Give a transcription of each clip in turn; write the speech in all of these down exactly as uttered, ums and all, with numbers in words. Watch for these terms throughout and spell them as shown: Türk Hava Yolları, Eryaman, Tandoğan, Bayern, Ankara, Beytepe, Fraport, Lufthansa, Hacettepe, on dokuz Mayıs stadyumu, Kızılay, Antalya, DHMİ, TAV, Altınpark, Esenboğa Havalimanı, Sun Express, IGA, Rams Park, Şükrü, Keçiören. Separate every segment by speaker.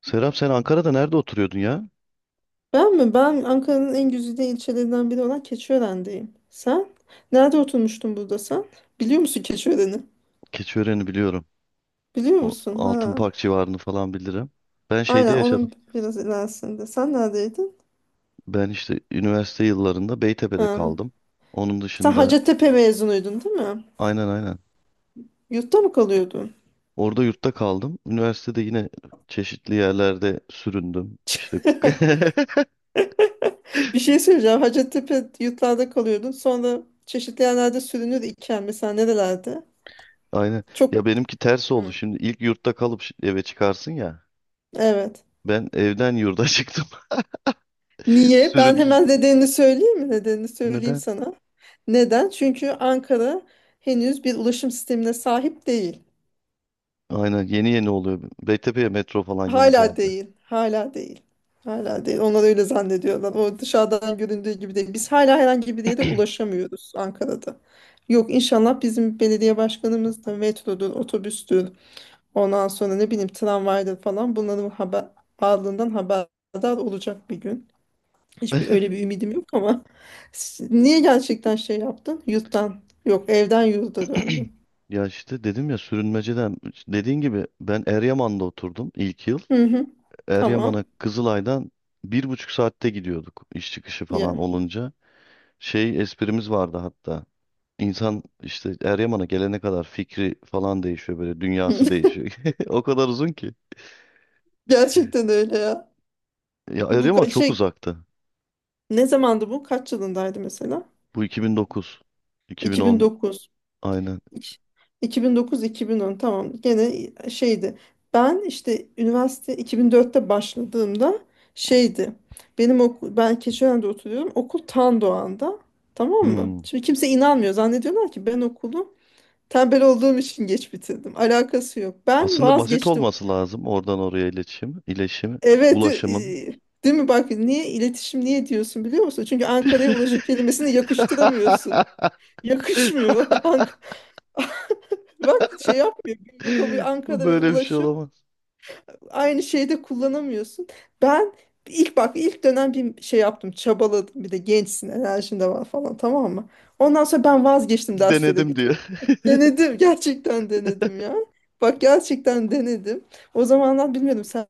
Speaker 1: Serap sen Ankara'da nerede oturuyordun ya?
Speaker 2: Ben mi? Ben Ankara'nın en güzide ilçelerinden biri olan Keçiören'deyim. Sen? Nerede oturmuştun burada sen? Biliyor musun Keçiören'i?
Speaker 1: Keçiören'i biliyorum.
Speaker 2: Biliyor
Speaker 1: O
Speaker 2: musun? Ha.
Speaker 1: Altınpark civarını falan bilirim. Ben şeyde
Speaker 2: Aynen onun
Speaker 1: yaşadım.
Speaker 2: biraz ilerisinde. Sen neredeydin?
Speaker 1: Ben işte üniversite yıllarında Beytepe'de
Speaker 2: Ha.
Speaker 1: kaldım. Onun
Speaker 2: Sen
Speaker 1: dışında
Speaker 2: Hacettepe mezunuydun değil mi?
Speaker 1: aynen aynen.
Speaker 2: Yurtta mı kalıyordun?
Speaker 1: Orada yurtta kaldım. Üniversitede yine çeşitli yerlerde süründüm. İşte
Speaker 2: Bir şey söyleyeceğim. Hacettepe yurtlarda kalıyordun. Sonra çeşitli yerlerde sürünür iken mesela nerelerde?
Speaker 1: aynen.
Speaker 2: Çok.
Speaker 1: Ya benimki ters oldu.
Speaker 2: Hı.
Speaker 1: Şimdi ilk yurtta kalıp şi- eve çıkarsın ya.
Speaker 2: Evet.
Speaker 1: Ben evden yurda çıktım.
Speaker 2: Niye? Ben
Speaker 1: Sürün
Speaker 2: hemen nedenini söyleyeyim mi? Nedenini söyleyeyim
Speaker 1: Neden?
Speaker 2: sana. Neden? Çünkü Ankara henüz bir ulaşım sistemine sahip değil.
Speaker 1: Aynen yeni yeni oluyor. Beytepe'ye metro falan yeni
Speaker 2: Hala
Speaker 1: geldi.
Speaker 2: değil. Hala değil. Hala değil. Onlar öyle zannediyorlar. O dışarıdan göründüğü gibi değil. Biz hala herhangi bir yere ulaşamıyoruz Ankara'da. Yok, inşallah bizim belediye başkanımız da metrodur, otobüstür, ondan sonra ne bileyim tramvaydır falan bunların haber, varlığından haberdar olacak bir gün. Hiçbir öyle bir ümidim yok ama s- niye gerçekten şey yaptın? Yurttan, yok, evden yurda döndün.
Speaker 1: Ya işte dedim ya sürünmeceden dediğin gibi ben Eryaman'da oturdum ilk yıl.
Speaker 2: Hı hı. Tamam.
Speaker 1: Eryaman'a Kızılay'dan bir buçuk saatte gidiyorduk iş çıkışı falan
Speaker 2: Ya.
Speaker 1: olunca. Şey esprimiz vardı hatta. İnsan işte Eryaman'a gelene kadar fikri falan değişiyor, böyle dünyası değişiyor. O kadar uzun ki.
Speaker 2: Gerçekten öyle ya.
Speaker 1: Ya
Speaker 2: Bu
Speaker 1: Eryaman
Speaker 2: ka-
Speaker 1: çok
Speaker 2: şey,
Speaker 1: uzaktı.
Speaker 2: ne zamandı bu? Kaç yılındaydı mesela?
Speaker 1: Bu iki bin dokuz, iki bin on
Speaker 2: iki bin dokuz.
Speaker 1: aynen.
Speaker 2: İki- iki bin dokuz-iki bin on, tamam. Gene şeydi. Ben işte üniversite iki bin dörtte başladığımda şeydi. Benim okul, ben Keçiören'de oturuyorum. Okul Tan Doğan'da. Tamam mı?
Speaker 1: Hmm.
Speaker 2: Şimdi kimse inanmıyor. Zannediyorlar ki ben okulu tembel olduğum için geç bitirdim. Alakası yok. Ben
Speaker 1: Aslında basit
Speaker 2: vazgeçtim.
Speaker 1: olması lazım oradan oraya iletişim, iletişim,
Speaker 2: Evet, e,
Speaker 1: ulaşımın.
Speaker 2: değil mi? Bak niye iletişim niye diyorsun biliyor musun? Çünkü Ankara'ya ulaşım kelimesini yakıştıramıyorsun. Yakışmıyor. Ank-. Bak şey yapmıyor. Bünyekabı Ankara ve
Speaker 1: Böyle bir şey
Speaker 2: ulaşım
Speaker 1: olamaz.
Speaker 2: aynı şeyde kullanamıyorsun. Ben ilk bak ilk dönem bir şey yaptım. Çabaladım. Bir de gençsin. Enerjin de var falan, tamam mı? Ondan sonra ben vazgeçtim derslere
Speaker 1: Denedim diyor.
Speaker 2: gitmekten. Denedim. Gerçekten denedim ya. Bak gerçekten denedim. O zamanlar bilmiyordum sen.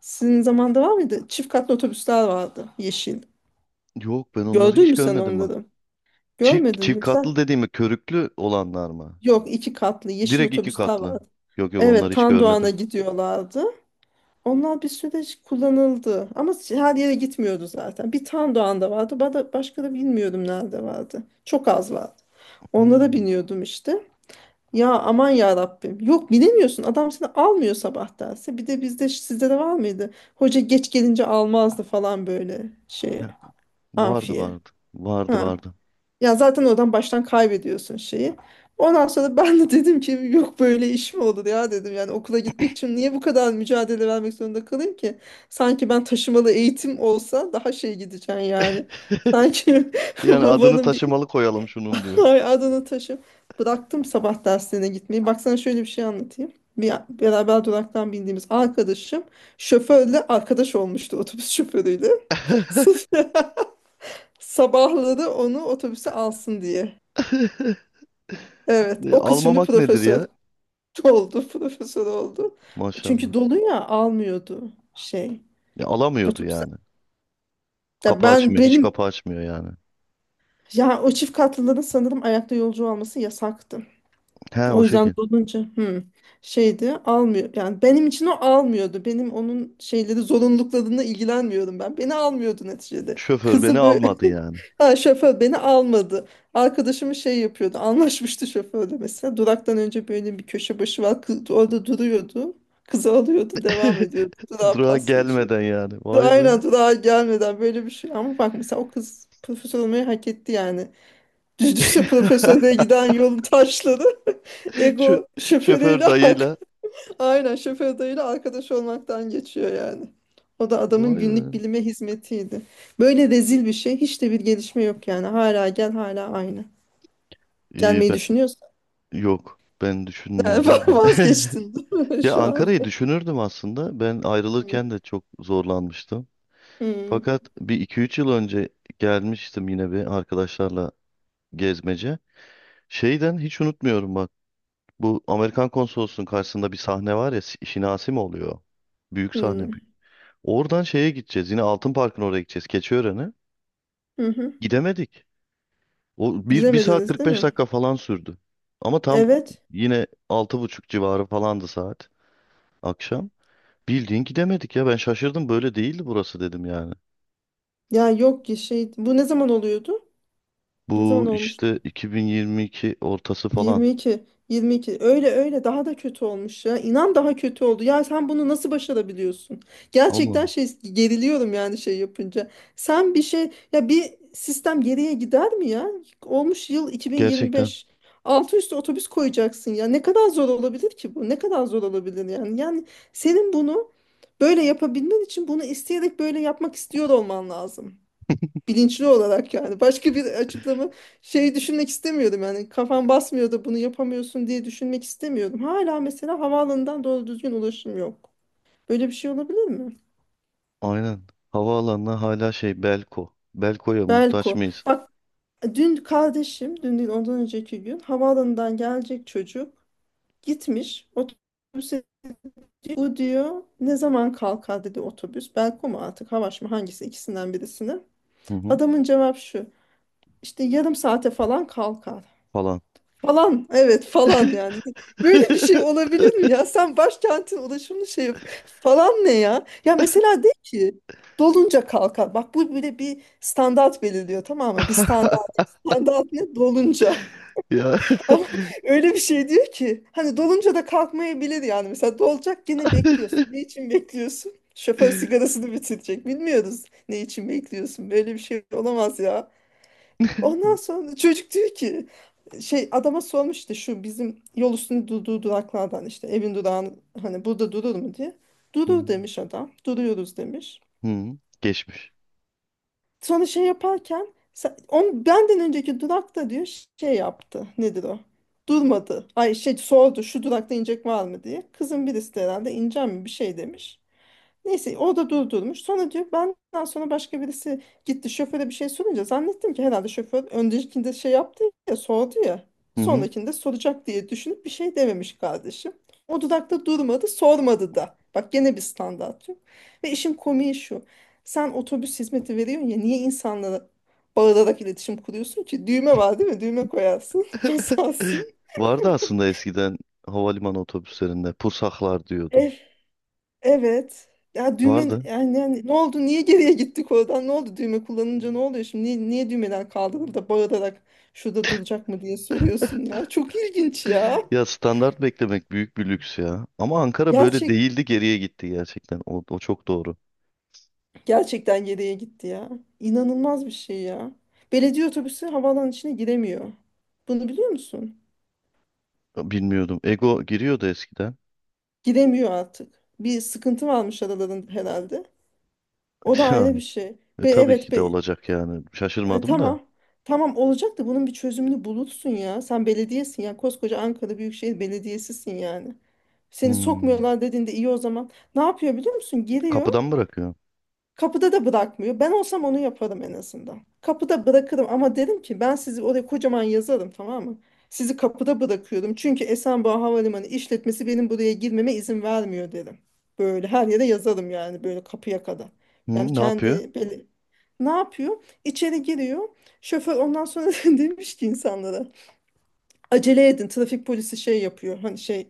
Speaker 2: Sizin zamanda var mıydı? Çift katlı otobüsler vardı. Yeşil.
Speaker 1: Yok ben onları
Speaker 2: Gördün
Speaker 1: hiç
Speaker 2: mü sen
Speaker 1: görmedim bak.
Speaker 2: onları?
Speaker 1: Çift,
Speaker 2: Görmedin
Speaker 1: çift
Speaker 2: mi
Speaker 1: katlı
Speaker 2: sen?
Speaker 1: dediğimi, körüklü olanlar mı?
Speaker 2: Yok, iki katlı yeşil
Speaker 1: Direkt iki
Speaker 2: otobüsler
Speaker 1: katlı.
Speaker 2: vardı.
Speaker 1: Yok yok
Speaker 2: Evet,
Speaker 1: onları hiç
Speaker 2: Tandoğan'a
Speaker 1: görmedim.
Speaker 2: gidiyorlardı. Onlar bir süre kullanıldı. Ama her yere gitmiyordu zaten. Bir Tandoğan'da vardı. Ba- da- Başka da bilmiyorum nerede vardı. Çok az vardı. Onlara
Speaker 1: Hmm.
Speaker 2: biniyordum işte. Ya aman ya Rabbim. Yok bilemiyorsun. Adam seni almıyor sabah derse. Bir de bizde sizde de var mıydı? Hoca geç gelince almazdı falan böyle şey,
Speaker 1: Ya, vardı
Speaker 2: amfiye.
Speaker 1: vardı. Vardı
Speaker 2: Ha.
Speaker 1: vardı.
Speaker 2: Ya zaten oradan baştan kaybediyorsun şeyi. Ondan sonra ben de dedim ki yok böyle iş mi olur ya dedim. Yani okula gitmek için niye bu kadar mücadele vermek zorunda kalayım ki? Sanki ben taşımalı eğitim olsa daha şey gideceğim yani. Sanki
Speaker 1: Yani adını
Speaker 2: babanın bir.
Speaker 1: taşımalı koyalım şunun diyor.
Speaker 2: Ay Adana taşı. Bıraktım sabah derslerine gitmeyi. Baksana şöyle bir şey anlatayım. Bir beraber duraktan bindiğimiz arkadaşım şoförle arkadaş olmuştu, otobüs şoförüyle. Sırf sabahları onu otobüse alsın diye. Evet,
Speaker 1: Ya,
Speaker 2: o kız şimdi
Speaker 1: almamak nedir
Speaker 2: profesör
Speaker 1: ya?
Speaker 2: oldu, profesör oldu.
Speaker 1: Maşallah.
Speaker 2: Çünkü dolu ya, almıyordu şey.
Speaker 1: Ya, alamıyordu
Speaker 2: Otobüse.
Speaker 1: yani.
Speaker 2: Ya
Speaker 1: Kapı
Speaker 2: ben
Speaker 1: açmıyor. Hiç
Speaker 2: benim,
Speaker 1: kapı açmıyor yani.
Speaker 2: ya o çift katlıların sanırım ayakta yolcu alması yasaktı.
Speaker 1: He o
Speaker 2: O yüzden
Speaker 1: şekil.
Speaker 2: dolunca hı, şeydi almıyor. Yani benim için o almıyordu. Benim onun şeyleri, zorunluluklarına ilgilenmiyorum ben. Beni almıyordu neticede.
Speaker 1: Şoför beni
Speaker 2: Kızı böyle
Speaker 1: almadı yani.
Speaker 2: ha, şoför beni almadı. Arkadaşımı şey yapıyordu. Anlaşmıştı şoförle mesela. Duraktan önce böyle bir köşe başı var. Kız orada duruyordu. Kızı alıyordu. Devam ediyordu. Durağa
Speaker 1: Durağa
Speaker 2: pas geçiyor.
Speaker 1: gelmeden yani. Vay be.
Speaker 2: Aynen durağa gelmeden böyle bir şey. Ama bak mesela o kız profesör olmayı hak etti yani. Düşse profesöre giden yolun taşları
Speaker 1: Şu
Speaker 2: ego şoförüyle
Speaker 1: şoför
Speaker 2: ark-
Speaker 1: dayıyla
Speaker 2: aynen şoförüyle arkadaş olmaktan geçiyor yani. O da adamın
Speaker 1: vay
Speaker 2: günlük
Speaker 1: be.
Speaker 2: bilime hizmetiydi. Böyle rezil bir şey, hiç de bir gelişme yok yani. Hala gel hala aynı.
Speaker 1: İyi
Speaker 2: Gelmeyi
Speaker 1: ben,
Speaker 2: düşünüyorsan
Speaker 1: yok ben düşünmüyorum da.
Speaker 2: vazgeçtin değil mi
Speaker 1: Ya
Speaker 2: şu
Speaker 1: Ankara'yı
Speaker 2: anda?
Speaker 1: düşünürdüm aslında. Ben
Speaker 2: Hı.
Speaker 1: ayrılırken de çok zorlanmıştım.
Speaker 2: Hı.
Speaker 1: Fakat bir iki üç yıl önce gelmiştim yine bir arkadaşlarla gezmece. Şeyden hiç unutmuyorum bak. Bu Amerikan konsolosunun karşısında bir sahne var ya, Si- Şinasi mi oluyor? Büyük sahne.
Speaker 2: Hı.
Speaker 1: Oradan şeye gideceğiz. Yine Altın Park'ın oraya gideceğiz. Keçiören'e.
Speaker 2: Hı hı.
Speaker 1: Gidemedik. O bir, bir saat
Speaker 2: Gidemediniz
Speaker 1: kırk
Speaker 2: değil
Speaker 1: beş
Speaker 2: mi?
Speaker 1: dakika falan sürdü. Ama tam
Speaker 2: Evet.
Speaker 1: yine altı buçuk civarı falandı saat, akşam. Bildiğin gidemedik ya, ben şaşırdım, böyle değildi burası dedim yani.
Speaker 2: Ya yok ki şey, bu ne zaman oluyordu? Ne zaman
Speaker 1: Bu
Speaker 2: olmuştu?
Speaker 1: işte iki bin yirmi iki ortası falan.
Speaker 2: yirmi iki. yirmi iki öyle öyle daha da kötü olmuş ya. İnan daha kötü oldu. Ya sen bunu nasıl başarabiliyorsun? Gerçekten
Speaker 1: Oğlum
Speaker 2: şey geriliyorum yani şey yapınca. Sen bir şey ya, bir sistem geriye gider mi ya? Olmuş yıl
Speaker 1: gerçekten
Speaker 2: iki bin yirmi beş. Altı üstü otobüs koyacaksın ya. Ne kadar zor olabilir ki bu? Ne kadar zor olabilir yani? Yani senin bunu böyle yapabilmen için bunu isteyerek böyle yapmak istiyor olman lazım, bilinçli olarak, yani başka bir açıklama şey düşünmek istemiyordum yani, kafam basmıyor da bunu yapamıyorsun diye düşünmek istemiyordum. Hala mesela havaalanından doğru düzgün ulaşım yok. Böyle bir şey olabilir mi?
Speaker 1: aynen, havaalanına hala şey, Belko. Belko'ya muhtaç
Speaker 2: Belko.
Speaker 1: mıyız?
Speaker 2: Bak dün kardeşim, dün değil ondan önceki gün, havaalanından gelecek çocuk gitmiş otobüse, bu diyor ne zaman kalkar dedi otobüs. Belko mu artık Havaş mı, hangisi, ikisinden birisine.
Speaker 1: Hı hı
Speaker 2: Adamın cevap şu, işte yarım saate falan kalkar.
Speaker 1: falan.
Speaker 2: Falan, evet falan yani. Böyle bir şey olabilir mi ya? Sen başkentin ulaşımını şey yap. Falan ne ya? Ya mesela de ki dolunca kalkar. Bak bu böyle bir standart belirliyor, tamam mı? Bir standart. Standart ne? Dolunca.
Speaker 1: Ya.
Speaker 2: Ama öyle bir şey diyor ki hani dolunca da kalkmayabilir yani. Mesela dolacak gene bekliyorsun. Ne için bekliyorsun? Şoför sigarasını bitirecek. Bilmiyoruz ne için bekliyorsun. Böyle bir şey olamaz ya. Ondan sonra çocuk diyor ki şey, adama sormuş işte şu bizim yol üstünde durduğu duraklardan işte evin durağın hani burada durur mu diye.
Speaker 1: Hı
Speaker 2: Durur demiş adam. Duruyoruz demiş.
Speaker 1: hı. Geçmiş.
Speaker 2: Sonra şey yaparken sen- on, benden önceki durakta diyor şey yaptı. Nedir o? Durmadı. Ay şey sordu, şu durakta inecek var mı diye. Kızın birisi de herhalde ineceğim mi bir şey demiş. Neyse o da durdurmuş. Sonra diyor benden sonra başka birisi gitti şoföre bir şey sorunca zannettim ki herhalde şoför öndekinde şey yaptı ya, sordu ya.
Speaker 1: Hı hı.
Speaker 2: Sonrakinde soracak diye düşünüp bir şey dememiş kardeşim. O dudakta durmadı, sormadı da. Bak gene bir standart yok. Ve işin komiği şu. Sen otobüs hizmeti veriyorsun ya, niye insanlara bağırarak iletişim kuruyorsun ki? Düğme var değil mi? Düğme koyarsın. Basarsın.
Speaker 1: Vardı aslında eskiden, havalimanı otobüslerinde pusaklar diyordu.
Speaker 2: Evet. Ya düğme
Speaker 1: Vardı.
Speaker 2: yani, yani ne oldu? Niye geriye gittik oradan? Ne oldu? Düğme kullanınca ne oluyor şimdi? Niye, niye düğmeler kaldırıldı da bağırarak şurada duracak mı diye soruyorsun ya. Çok ilginç ya.
Speaker 1: Ya standart beklemek büyük bir lüks ya. Ama Ankara böyle
Speaker 2: Gerçek
Speaker 1: değildi, geriye gitti gerçekten. O, o çok doğru.
Speaker 2: gerçekten geriye gitti ya. İnanılmaz bir şey ya. Belediye otobüsü havaalanının içine giremiyor. Bunu biliyor musun?
Speaker 1: Bilmiyordum. Ego giriyordu eskiden.
Speaker 2: Giremiyor artık. Bir sıkıntı varmış aralarında herhalde. O da
Speaker 1: Ya,
Speaker 2: ayrı bir şey.
Speaker 1: e,
Speaker 2: Ve
Speaker 1: tabii
Speaker 2: evet
Speaker 1: ki de
Speaker 2: be,
Speaker 1: olacak yani.
Speaker 2: E,
Speaker 1: Şaşırmadım da.
Speaker 2: tamam. Tamam olacak da bunun bir çözümünü bulursun ya. Sen belediyesin ya. Koskoca Ankara Büyükşehir Belediyesi'sin yani. Seni
Speaker 1: Hmm.
Speaker 2: sokmuyorlar dediğinde iyi o zaman. Ne yapıyor biliyor musun? Giriyor.
Speaker 1: Kapıdan mı bırakıyor?
Speaker 2: Kapıda da bırakmıyor. Ben olsam onu yaparım en azından. Kapıda bırakırım ama derim ki ben sizi oraya kocaman yazarım, tamam mı? Sizi kapıda bırakıyorum. Çünkü Esenboğa Havalimanı işletmesi benim buraya girmeme izin vermiyor derim. Böyle her yere yazarım yani, böyle kapıya kadar. Yani
Speaker 1: Hmm, ne yapıyor?
Speaker 2: kendi böyle ne yapıyor? İçeri giriyor. Şoför ondan sonra demiş ki insanlara acele edin, trafik polisi şey yapıyor. Hani şey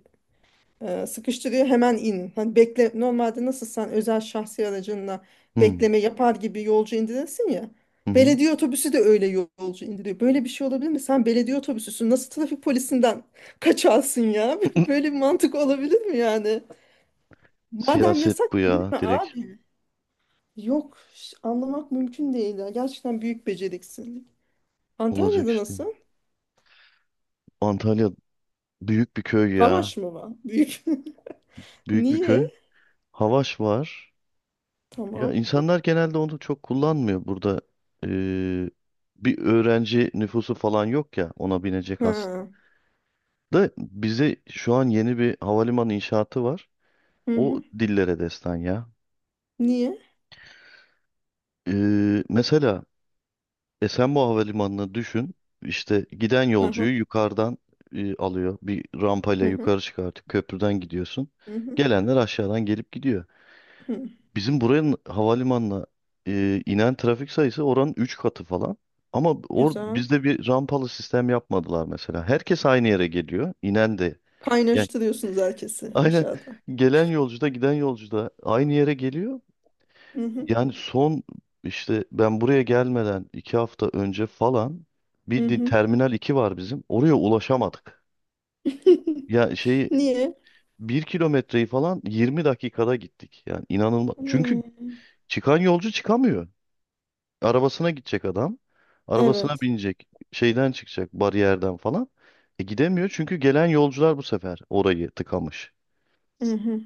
Speaker 2: e, sıkıştırıyor, hemen in. Hani bekle normalde nasıl sen özel şahsi aracınla
Speaker 1: Hmm.
Speaker 2: bekleme yapar gibi yolcu indirirsin ya.
Speaker 1: Hı hı.
Speaker 2: Belediye otobüsü de öyle yol- yolcu indiriyor. Böyle bir şey olabilir mi? Sen belediye otobüsüsün. Nasıl trafik polisinden kaçarsın ya? Böyle bir mantık olabilir mi yani? Madem
Speaker 1: Siyaset
Speaker 2: yasak
Speaker 1: bu ya.
Speaker 2: girme
Speaker 1: Direkt
Speaker 2: abi. Yok, ş- anlamak mümkün değil ya. Gerçekten büyük beceriksizlik.
Speaker 1: olacak
Speaker 2: Antalya'da
Speaker 1: işte.
Speaker 2: nasıl?
Speaker 1: Antalya büyük bir köy ya.
Speaker 2: Havaş mı var? Büyük.
Speaker 1: Büyük bir köy.
Speaker 2: Niye?
Speaker 1: Havaş var. Ya
Speaker 2: Tamam.
Speaker 1: insanlar genelde onu çok kullanmıyor burada. Ee, Bir öğrenci nüfusu falan yok ya ona binecek aslında.
Speaker 2: Ha.
Speaker 1: Bize şu an yeni bir havalimanı inşaatı var.
Speaker 2: Hı
Speaker 1: O
Speaker 2: hı.
Speaker 1: dillere destan ya.
Speaker 2: Niye?
Speaker 1: Ee, mesela Esenboğa Havalimanı'nı düşün. İşte giden
Speaker 2: Hı hı.
Speaker 1: yolcuyu yukarıdan e, alıyor. Bir rampayla
Speaker 2: Hı hı.
Speaker 1: yukarı çıkartıp köprüden gidiyorsun.
Speaker 2: Hı hı.
Speaker 1: Gelenler aşağıdan gelip gidiyor.
Speaker 2: Hı,
Speaker 1: Bizim buranın havalimanına e, inen trafik sayısı oranın üç katı falan. Ama or
Speaker 2: güzel.
Speaker 1: bizde bir rampalı sistem yapmadılar mesela. Herkes aynı yere geliyor. İnen de. Yani
Speaker 2: Kaynaştırıyorsunuz herkesi
Speaker 1: aynen
Speaker 2: aşağıda.
Speaker 1: gelen yolcu da giden yolcu da aynı yere geliyor.
Speaker 2: Hı hı,
Speaker 1: Yani son işte ben buraya gelmeden iki hafta önce falan,
Speaker 2: hı
Speaker 1: bildiğin
Speaker 2: hı.
Speaker 1: Terminal iki var bizim. Oraya ulaşamadık. Ya şeyi,
Speaker 2: Niye?
Speaker 1: bir kilometreyi falan yirmi dakikada gittik. Yani inanılmaz. Çünkü
Speaker 2: Hmm,
Speaker 1: çıkan yolcu çıkamıyor. Arabasına gidecek adam. Arabasına
Speaker 2: evet.
Speaker 1: binecek. Şeyden çıkacak, bariyerden falan. E gidemiyor çünkü gelen yolcular bu sefer orayı tıkamış.
Speaker 2: Hı hı.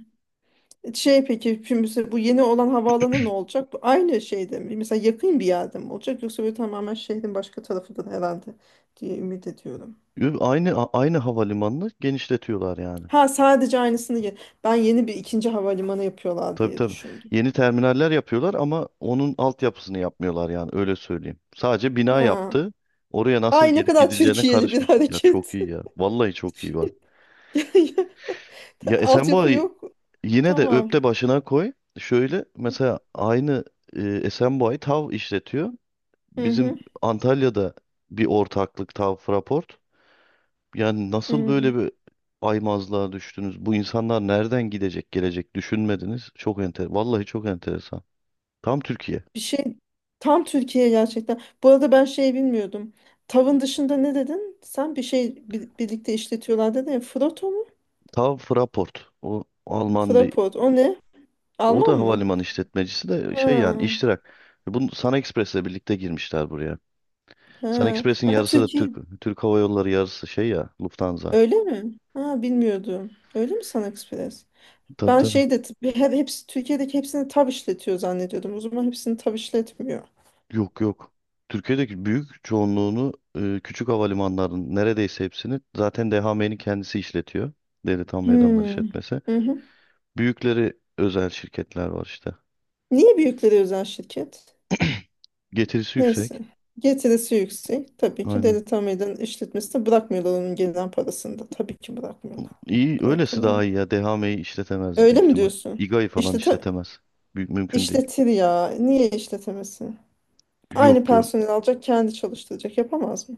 Speaker 2: E, Şey peki şimdi mesela bu yeni olan havaalanı ne olacak? Bu aynı şeyde mi? Mesela yakın bir yerde mi olacak? Yoksa böyle tamamen şehrin başka tarafından herhalde diye ümit ediyorum.
Speaker 1: Ü- Aynı a- aynı havalimanını genişletiyorlar yani.
Speaker 2: Ha, sadece aynısını ye- ben yeni bir ikinci havalimanı yapıyorlar
Speaker 1: Tabii
Speaker 2: diye
Speaker 1: tabii.
Speaker 2: düşündüm.
Speaker 1: Yeni terminaller yapıyorlar ama onun altyapısını yapmıyorlar yani, öyle söyleyeyim. Sadece bina
Speaker 2: Ha.
Speaker 1: yaptı. Oraya nasıl
Speaker 2: Ay ne
Speaker 1: gelip
Speaker 2: kadar
Speaker 1: gidileceğine
Speaker 2: Türkiye'li bir
Speaker 1: karışmadı. Ya çok
Speaker 2: hareket.
Speaker 1: iyi ya. Vallahi çok iyi var. Ya
Speaker 2: Altyapı
Speaker 1: Esenboğa'yı
Speaker 2: yok.
Speaker 1: yine de
Speaker 2: Tamam.
Speaker 1: öpte başına koy. Şöyle mesela aynı, e, Esenboğa'yı TAV işletiyor.
Speaker 2: Hı
Speaker 1: Bizim
Speaker 2: hı.
Speaker 1: Antalya'da bir ortaklık, TAV Fraport. Yani nasıl
Speaker 2: Hı.
Speaker 1: böyle bir aymazlığa düştünüz? Bu insanlar nereden gidecek gelecek düşünmediniz. Çok enter, vallahi çok enteresan. Tam Türkiye.
Speaker 2: Bir şey, tam Türkiye gerçekten. Bu arada ben şey bilmiyordum. Tavın dışında ne dedin? Sen bir şey bi- birlikte işletiyorlar dedin ya. Frotto mu?
Speaker 1: TAV Fraport. O Alman bir
Speaker 2: Fraport. O ne?
Speaker 1: o
Speaker 2: Alman
Speaker 1: da
Speaker 2: mı?
Speaker 1: havalimanı işletmecisi de, şey yani,
Speaker 2: Ha,
Speaker 1: iştirak. Bunu Sun Express'le birlikte girmişler buraya. Sun
Speaker 2: ha.
Speaker 1: Express'in
Speaker 2: Ben
Speaker 1: yarısı da Türk
Speaker 2: Türkiye
Speaker 1: Türk Hava Yolları, yarısı şey ya, Lufthansa.
Speaker 2: öyle mi? Ha, bilmiyordum. Öyle mi Sun Express?
Speaker 1: Tabii
Speaker 2: Ben
Speaker 1: tabii.
Speaker 2: şey de bir- her hepsi Türkiye'deki hepsini tav işletiyor zannediyordum. O zaman hepsini tav işletmiyor.
Speaker 1: Yok yok. Türkiye'deki büyük çoğunluğunu, e, küçük havalimanların neredeyse hepsini zaten DHMİ'nin kendisi işletiyor. Devlet Hava Meydanları
Speaker 2: Hmm.
Speaker 1: işletmesi.
Speaker 2: Hı hı.
Speaker 1: Büyükleri özel şirketler var işte.
Speaker 2: Niye büyükleri özel şirket?
Speaker 1: Getirisi
Speaker 2: Neyse.
Speaker 1: yüksek.
Speaker 2: Getirisi yüksek. Tabii ki
Speaker 1: Aynen.
Speaker 2: Deli Tamir'den işletmesine bırakmıyorlar, onun gelen parasını da. Tabii ki bırakmıyorlar.
Speaker 1: İyi öylesi
Speaker 2: Bırakırlar.
Speaker 1: daha iyi ya. DHMİ'yi işletemez
Speaker 2: Öyle
Speaker 1: büyük
Speaker 2: mi
Speaker 1: ihtimal.
Speaker 2: diyorsun?
Speaker 1: İGA'yı falan
Speaker 2: İşlete
Speaker 1: işletemez. Büyük mümkün değil.
Speaker 2: işletir ya. Niye işletemesin? Aynı
Speaker 1: Yok yok.
Speaker 2: personel alacak, kendi çalıştıracak. Yapamaz mı?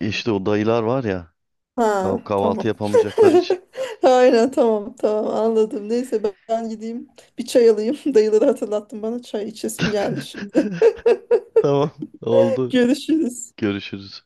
Speaker 1: E İşte o dayılar var ya,
Speaker 2: Ha,
Speaker 1: kah- kahvaltı
Speaker 2: tamam.
Speaker 1: yapamayacakları için.
Speaker 2: Aynen tamam tamam anladım. Neyse ben, ben gideyim bir çay alayım. Dayıları hatırlattın bana, çay içesim geldi şimdi.
Speaker 1: Tamam oldu.
Speaker 2: Görüşürüz.
Speaker 1: Görüşürüz.